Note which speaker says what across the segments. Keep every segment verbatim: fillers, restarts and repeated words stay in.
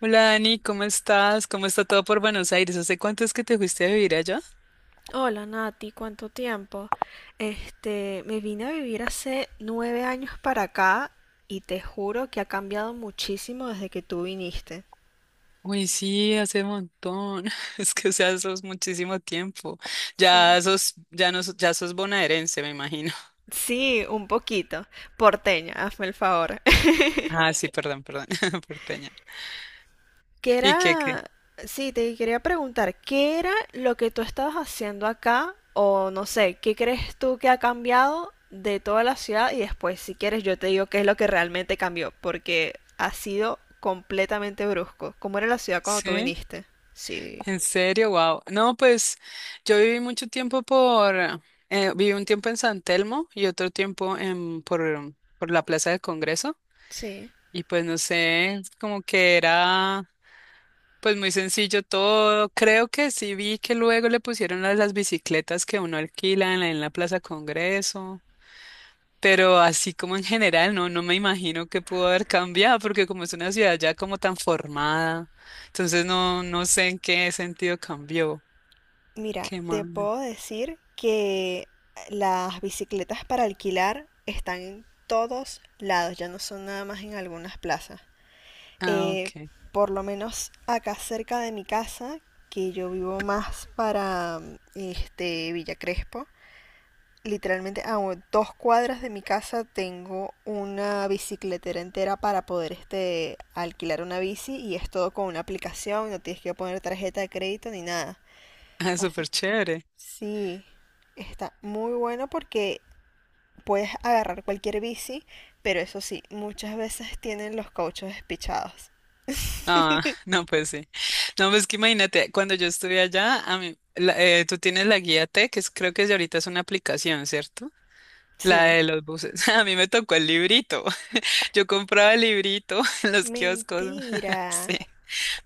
Speaker 1: Hola Dani, ¿cómo estás? ¿Cómo está todo por Buenos Aires? ¿Hace cuánto es que te fuiste a vivir allá?
Speaker 2: Hola Nati, ¿cuánto tiempo? Este, me vine a vivir hace nueve años para acá y te juro que ha cambiado muchísimo desde que tú viniste.
Speaker 1: Uy, sí, hace montón. Es que, o sea, sos muchísimo tiempo.
Speaker 2: Sí.
Speaker 1: Ya sos, ya no, sos- ya sos bonaerense, me imagino.
Speaker 2: Sí, un poquito. Porteña, hazme el favor.
Speaker 1: Ah, sí, perdón, perdón, porteña.
Speaker 2: ¿Qué
Speaker 1: ¿Y qué, qué?
Speaker 2: era? Sí, te quería preguntar, ¿qué era lo que tú estabas haciendo acá? O no sé, ¿qué crees tú que ha cambiado de toda la ciudad? Y después, si quieres, yo te digo qué es lo que realmente cambió, porque ha sido completamente brusco. ¿Cómo era la ciudad cuando tú
Speaker 1: Sí,
Speaker 2: viniste? Sí,
Speaker 1: en serio, wow. No, pues yo viví mucho tiempo por, eh, viví un tiempo en San Telmo y otro tiempo en, por, por la Plaza del Congreso.
Speaker 2: sí.
Speaker 1: Y pues no sé, como que era. Pues muy sencillo todo. Creo que sí vi que luego le pusieron las, las bicicletas que uno alquila en la, en la Plaza Congreso, pero así como en general, no, no me imagino que pudo haber cambiado, porque como es una ciudad ya como tan formada, entonces no, no sé en qué sentido cambió.
Speaker 2: Mira,
Speaker 1: ¿Qué
Speaker 2: te
Speaker 1: más?
Speaker 2: puedo decir que las bicicletas para alquilar están en todos lados, ya no son nada más en algunas plazas.
Speaker 1: Ah,
Speaker 2: eh,
Speaker 1: ok.
Speaker 2: por lo menos acá cerca de mi casa, que yo vivo más para este Villa Crespo. Literalmente a dos cuadras de mi casa tengo una bicicletera entera para poder este alquilar una bici y es todo con una aplicación, no tienes que poner tarjeta de crédito ni nada.
Speaker 1: Ah,
Speaker 2: Así
Speaker 1: súper
Speaker 2: que
Speaker 1: chévere.
Speaker 2: sí, está muy bueno porque puedes agarrar cualquier bici, pero eso sí, muchas veces tienen los cauchos despichados.
Speaker 1: Ah, no, pues sí. No, pues que imagínate, cuando yo estuve allá, a mí, la- eh, tú tienes la guía T, que es- creo que es de ahorita es una aplicación, ¿cierto? La
Speaker 2: Sí.
Speaker 1: de los buses. A mí me tocó el librito. Yo compraba el librito en los kioscos.
Speaker 2: Mentira,
Speaker 1: Sí.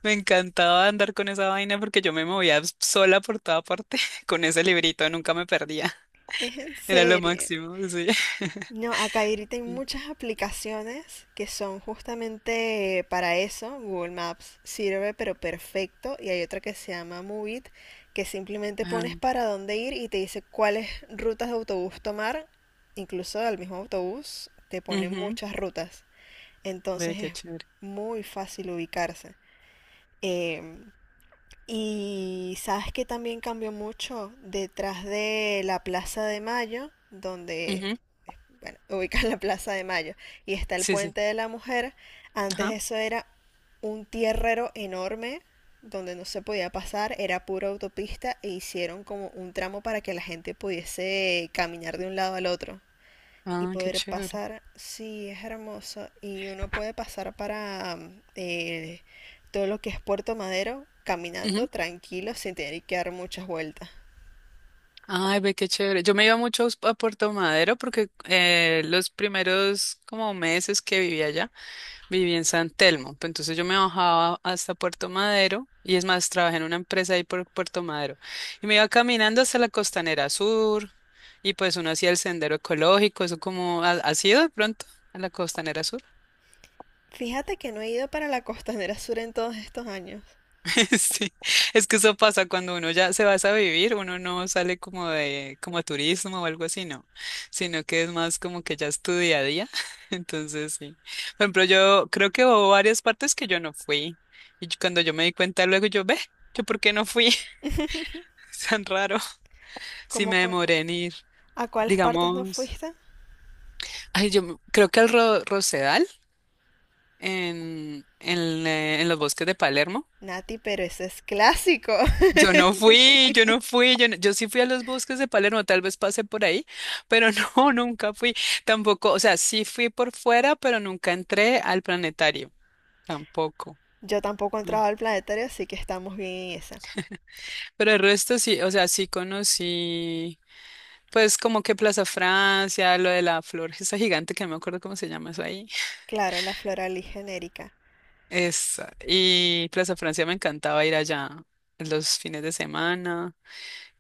Speaker 1: Me encantaba andar con esa vaina porque yo me movía sola por toda parte con ese librito. Nunca me perdía.
Speaker 2: es en
Speaker 1: Era lo
Speaker 2: serio.
Speaker 1: máximo. Sí.
Speaker 2: No, acá ahorita hay
Speaker 1: Sí.
Speaker 2: muchas aplicaciones que son justamente para eso. Google Maps sirve, pero perfecto. Y hay otra que se llama Move It, que simplemente
Speaker 1: Ah,
Speaker 2: pones para dónde ir y te dice cuáles rutas de autobús tomar. Incluso al mismo autobús te ponen
Speaker 1: ujú.
Speaker 2: muchas rutas.
Speaker 1: Ve
Speaker 2: Entonces
Speaker 1: qué
Speaker 2: es
Speaker 1: chévere.
Speaker 2: muy fácil ubicarse. Em, Y sabes que también cambió mucho detrás de la Plaza de Mayo, donde,
Speaker 1: Ujú.
Speaker 2: bueno, ubican la Plaza de Mayo, y está el
Speaker 1: Sí, sí.
Speaker 2: Puente de la Mujer. Antes
Speaker 1: Ajá.
Speaker 2: eso era un tierrero enorme donde no se podía pasar, era pura autopista e hicieron como un tramo para que la gente pudiese caminar de un lado al otro y
Speaker 1: Ah, qué
Speaker 2: poder
Speaker 1: chévere.
Speaker 2: pasar, sí, es hermoso. Y uno puede pasar para mm, eh, todo lo que es Puerto Madero caminando
Speaker 1: Ujú.
Speaker 2: tranquilo sin tener que dar muchas vueltas.
Speaker 1: Ay, ve qué chévere. Yo me iba mucho a Puerto Madero porque eh, los primeros como meses que vivía allá viví en San Telmo. Pues entonces yo me bajaba hasta Puerto Madero y es más, trabajé en una empresa ahí por Puerto Madero y me iba caminando hasta la Costanera Sur y pues uno hacía el sendero ecológico, eso como, ¿ha, ha sido de pronto a la Costanera Sur?
Speaker 2: Fíjate que no he ido para la Costanera Sur en todos estos años.
Speaker 1: Sí, es que eso pasa cuando uno ya se va a vivir, uno no sale como de como a turismo o algo así, no, sino que es más como que ya es tu día a día. Entonces, sí. Por ejemplo, yo creo que hubo varias partes que yo no fui y yo- cuando yo me di cuenta luego yo, ve, yo por qué no fui, tan raro. Sí
Speaker 2: ¿Cómo
Speaker 1: me
Speaker 2: cua-
Speaker 1: demoré en ir,
Speaker 2: ¿A cuáles partes no
Speaker 1: digamos,
Speaker 2: fuiste?
Speaker 1: ay, yo me- creo que al Ro- Rosedal en en, eh, en los bosques de Palermo.
Speaker 2: Nati, pero ese es clásico.
Speaker 1: Yo no fui, yo no fui, yo, no- Yo sí fui a los bosques de Palermo, tal vez pasé por ahí, pero no, nunca fui, tampoco, o sea, sí fui por fuera, pero nunca entré al planetario, tampoco.
Speaker 2: Yo tampoco he
Speaker 1: Mm.
Speaker 2: entrado al planetario, así que estamos bien en esa.
Speaker 1: Pero el resto sí, o sea, sí conocí, pues como que Plaza Francia, lo de la flor, esa gigante que no me acuerdo cómo se llama eso ahí.
Speaker 2: Claro, la floral y genérica.
Speaker 1: Esa, y Plaza Francia me encantaba ir allá los fines de semana.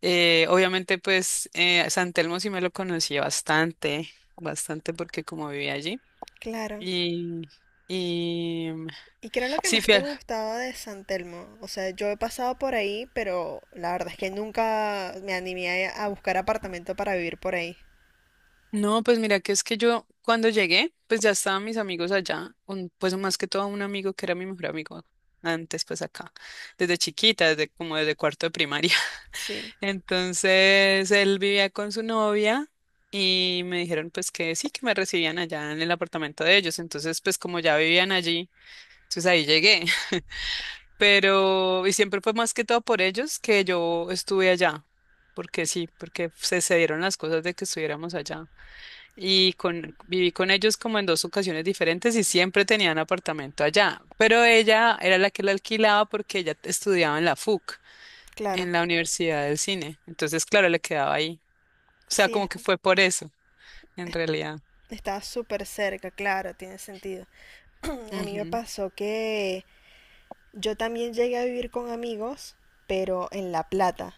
Speaker 1: Eh, obviamente, pues eh, San Telmo sí me lo conocí bastante, bastante porque como vivía allí.
Speaker 2: Claro,
Speaker 1: Y, y mm,
Speaker 2: ¿y qué era lo que
Speaker 1: sí,
Speaker 2: más te
Speaker 1: fiel.
Speaker 2: gustaba de San Telmo? O sea, yo he pasado por ahí, pero la verdad es que nunca me animé a a buscar apartamento para vivir por ahí.
Speaker 1: No, pues mira que es que yo cuando llegué, pues ya estaban mis amigos allá, un- pues más que todo un amigo que era mi mejor amigo antes, pues acá, desde chiquita, desde como desde cuarto de primaria.
Speaker 2: Sí,
Speaker 1: Entonces él vivía con su novia y me dijeron pues que sí, que me recibían allá en el apartamento de ellos. Entonces pues como ya vivían allí. Entonces ahí llegué, pero y siempre fue más que todo por ellos que yo estuve allá, porque sí, porque se, se dieron las cosas de que estuviéramos allá. Y con, viví con ellos como en dos ocasiones diferentes y siempre tenían apartamento allá, pero ella era la que la alquilaba porque ella estudiaba en la F U C,
Speaker 2: claro.
Speaker 1: en la Universidad del Cine. Entonces, claro, le quedaba ahí. O sea,
Speaker 2: Sí,
Speaker 1: como que
Speaker 2: está.
Speaker 1: fue por eso, en realidad.
Speaker 2: Estaba súper cerca, claro, tiene sentido. A mí me
Speaker 1: Ujú.
Speaker 2: pasó que yo también llegué a vivir con amigos, pero en La Plata.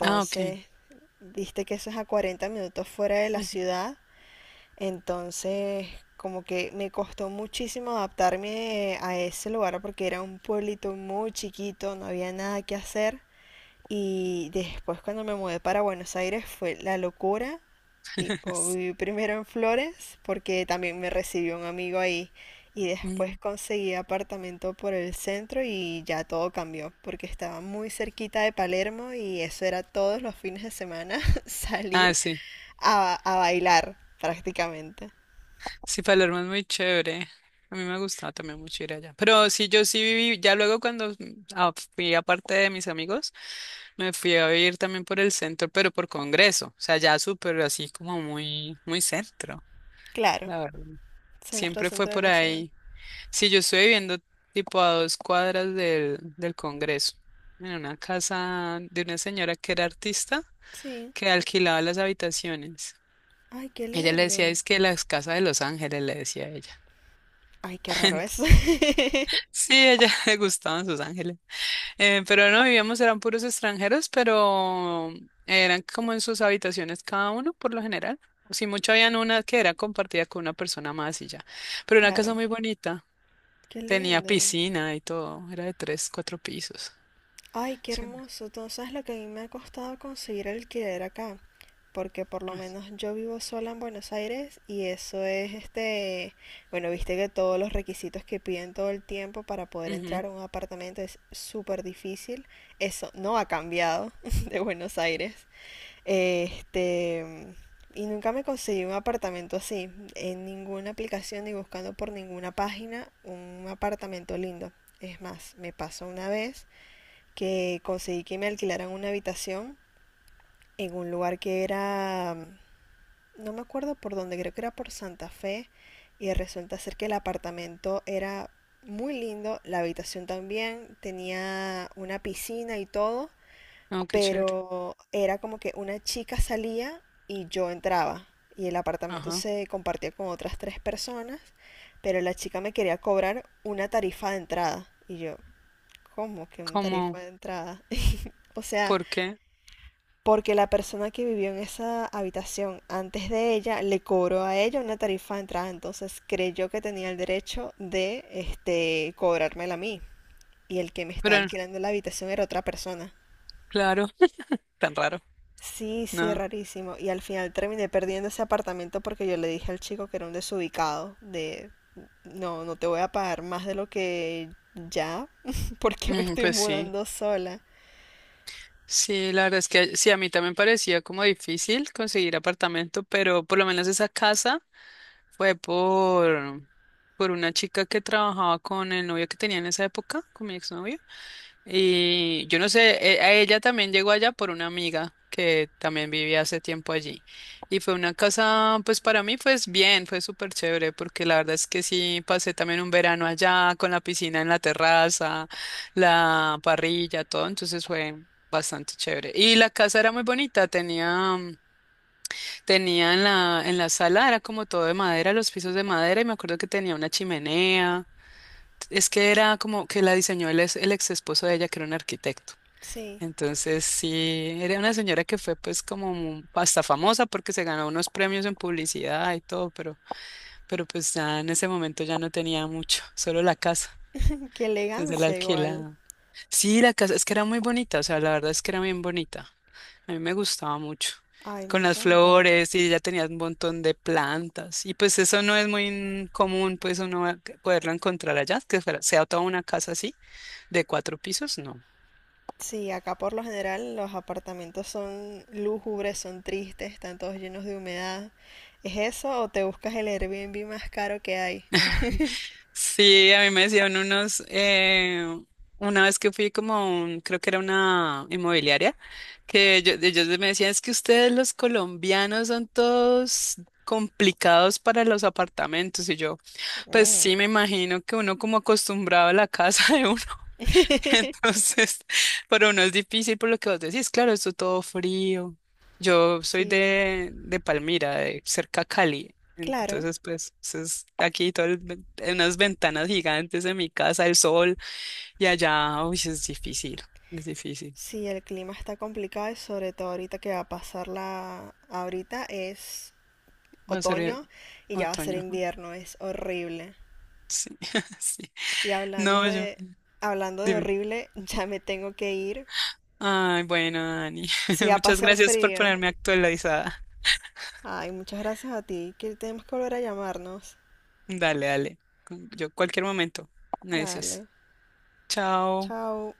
Speaker 1: Ah, ok.
Speaker 2: viste que eso es a cuarenta minutos fuera de la ciudad. Entonces, como que me costó muchísimo adaptarme a ese lugar porque era un pueblito muy chiquito, no había nada que hacer. Y después cuando me mudé para Buenos Aires fue la locura. Tipo, viví primero en Flores porque también me recibió un amigo ahí. Y después
Speaker 1: Ujú.
Speaker 2: conseguí apartamento por el centro y ya todo cambió porque estaba muy cerquita de Palermo y eso era todos los fines de semana
Speaker 1: Ah,
Speaker 2: salir
Speaker 1: sí.
Speaker 2: a, a bailar prácticamente.
Speaker 1: Sí, Palermo es muy chévere. A mí me gustaba también mucho ir allá. Pero sí, yo sí viví, ya luego cuando mm, ah, fui aparte de mis amigos, me fui a vivir también por el centro, pero por Congreso. O sea, ya súper así como muy, muy centro,
Speaker 2: Claro,
Speaker 1: la verdad.
Speaker 2: centro,
Speaker 1: Siempre fue
Speaker 2: centro de
Speaker 1: por
Speaker 2: la ciudad.
Speaker 1: ahí. Sí, yo estoy viviendo tipo a dos cuadras del, del Congreso, en una casa de una señora que era artista,
Speaker 2: Sí.
Speaker 1: que alquilaba las habitaciones.
Speaker 2: Ay, qué
Speaker 1: Ella le decía,
Speaker 2: lindo.
Speaker 1: es que las casas de Los Ángeles, le decía ella.
Speaker 2: Ay, qué raro eso.
Speaker 1: Sí, a ella le gustaban sus ángeles. Eh, pero no vivíamos, eran puros extranjeros, pero eran como en sus habitaciones cada uno por lo general. O si mucho habían una que era compartida con una persona más y ya. Pero una casa
Speaker 2: Claro,
Speaker 1: muy bonita,
Speaker 2: qué
Speaker 1: tenía
Speaker 2: lindo.
Speaker 1: piscina y todo, era de tres, cuatro pisos.
Speaker 2: Ay, qué
Speaker 1: Sí.
Speaker 2: hermoso. Entonces, lo que a mí me ha costado conseguir alquiler acá, porque por lo menos yo vivo sola en Buenos Aires y eso es este, bueno, viste que todos los requisitos que piden todo el tiempo para poder
Speaker 1: Ujú.
Speaker 2: entrar a un apartamento es súper difícil. Eso no ha cambiado de Buenos Aires. Este, y nunca me conseguí un apartamento así, en ninguna aplicación ni buscando por ninguna página un apartamento lindo. Es más, me pasó una vez que conseguí que me alquilaran una habitación en un lugar que era, no me acuerdo por dónde, creo que era por Santa Fe, y resulta ser que el apartamento era muy lindo, la habitación también, tenía una piscina y todo,
Speaker 1: No, qué chévere.
Speaker 2: pero era como que una chica salía y yo entraba y el apartamento
Speaker 1: Ajá.
Speaker 2: se compartía con otras tres personas, pero la chica me quería cobrar una tarifa de entrada y yo, ¿cómo que una
Speaker 1: ¿Cómo?
Speaker 2: tarifa de entrada? O sea,
Speaker 1: ¿Por qué?
Speaker 2: porque la persona que vivió en esa habitación antes de ella le cobró a ella una tarifa de entrada, entonces creyó que tenía el derecho de este cobrármela a mí. Y el que me está
Speaker 1: Pero
Speaker 2: alquilando la habitación era otra persona.
Speaker 1: claro, tan raro.
Speaker 2: Sí, sí,
Speaker 1: No.
Speaker 2: rarísimo. Y al final terminé perdiendo ese apartamento porque yo le dije al chico que era un desubicado, de no, no te voy a pagar más de lo que ya, porque me
Speaker 1: Ujú,
Speaker 2: estoy
Speaker 1: pues sí.
Speaker 2: mudando sola.
Speaker 1: Sí, la verdad es que sí, a mí también parecía como difícil conseguir apartamento, pero por lo menos esa casa fue por, por una chica que trabajaba con el novio que tenía en esa época, con mi exnovio. Y yo no sé, e- a ella también llegó allá por una amiga que también vivía hace tiempo allí. Y fue una casa, pues para mí, pues bien, fue súper chévere, porque la verdad es que sí, pasé también un verano allá con la piscina en la terraza, la parrilla, todo, entonces fue bastante chévere. Y la casa era muy bonita, tenía, mm, tenía en la, en la sala, era como todo de madera, los pisos de madera, y me acuerdo que tenía una chimenea. Es que era como que la diseñó el ex, el ex esposo de ella, que era un arquitecto.
Speaker 2: Sí,
Speaker 1: Entonces, sí, era una señora que fue pues como mu- hasta famosa porque se ganó unos premios en publicidad y todo, pero, pero pues ya en ese momento ya no tenía mucho, solo la casa.
Speaker 2: qué
Speaker 1: Entonces la
Speaker 2: elegancia igual.
Speaker 1: alquilaba. Sí, la casa, es que era muy bonita, o sea, la verdad es que era bien bonita. A mí me gustaba mucho.
Speaker 2: Ay, me
Speaker 1: Con las
Speaker 2: encanta.
Speaker 1: flores y ella tenía un montón de plantas. Y pues eso no es muy común, pues uno va- poderlo encontrar allá, que fuera- sea toda una casa así, de cuatro pisos, no.
Speaker 2: Sí, acá por lo general los apartamentos son lúgubres, son tristes, están todos llenos de humedad. ¿Es eso o te buscas el Airbnb más caro que hay?
Speaker 1: Sí, a mí me decían unos, eh, una vez que fui como, a un- creo que era una inmobiliaria, que ellos, ellos me decían, es que ustedes los colombianos son todos complicados para los apartamentos. Y yo, pues sí,
Speaker 2: Mm.
Speaker 1: me imagino que uno como acostumbrado a la casa de uno. Entonces, para uno es difícil por lo que vos decís, claro, esto todo frío. Yo soy
Speaker 2: Sí,
Speaker 1: de, de Palmira, de cerca a Cali.
Speaker 2: claro.
Speaker 1: Entonces, pues, eso es aquí todo el ven- unas ventanas gigantes en mi casa, el sol, y allá, uy, es difícil, es difícil.
Speaker 2: Sí, el clima está complicado y sobre todo ahorita que va a pasar la... Ahorita es
Speaker 1: Va a ser eh,
Speaker 2: otoño y ya va a ser
Speaker 1: otoño. Ajá,
Speaker 2: invierno, es horrible.
Speaker 1: sí, sí.
Speaker 2: Y hablando
Speaker 1: No, yo,
Speaker 2: de... Hablando de
Speaker 1: dime.
Speaker 2: horrible, ya me tengo que ir.
Speaker 1: Ay, bueno, Dani,
Speaker 2: Sí, va a
Speaker 1: muchas
Speaker 2: pasar
Speaker 1: gracias por
Speaker 2: frío.
Speaker 1: ponerme actualizada.
Speaker 2: Ay, muchas gracias a ti, que tenemos que volver a llamarnos.
Speaker 1: Dale, dale. Yo cualquier momento me dices.
Speaker 2: Dale,
Speaker 1: Chao.
Speaker 2: chao.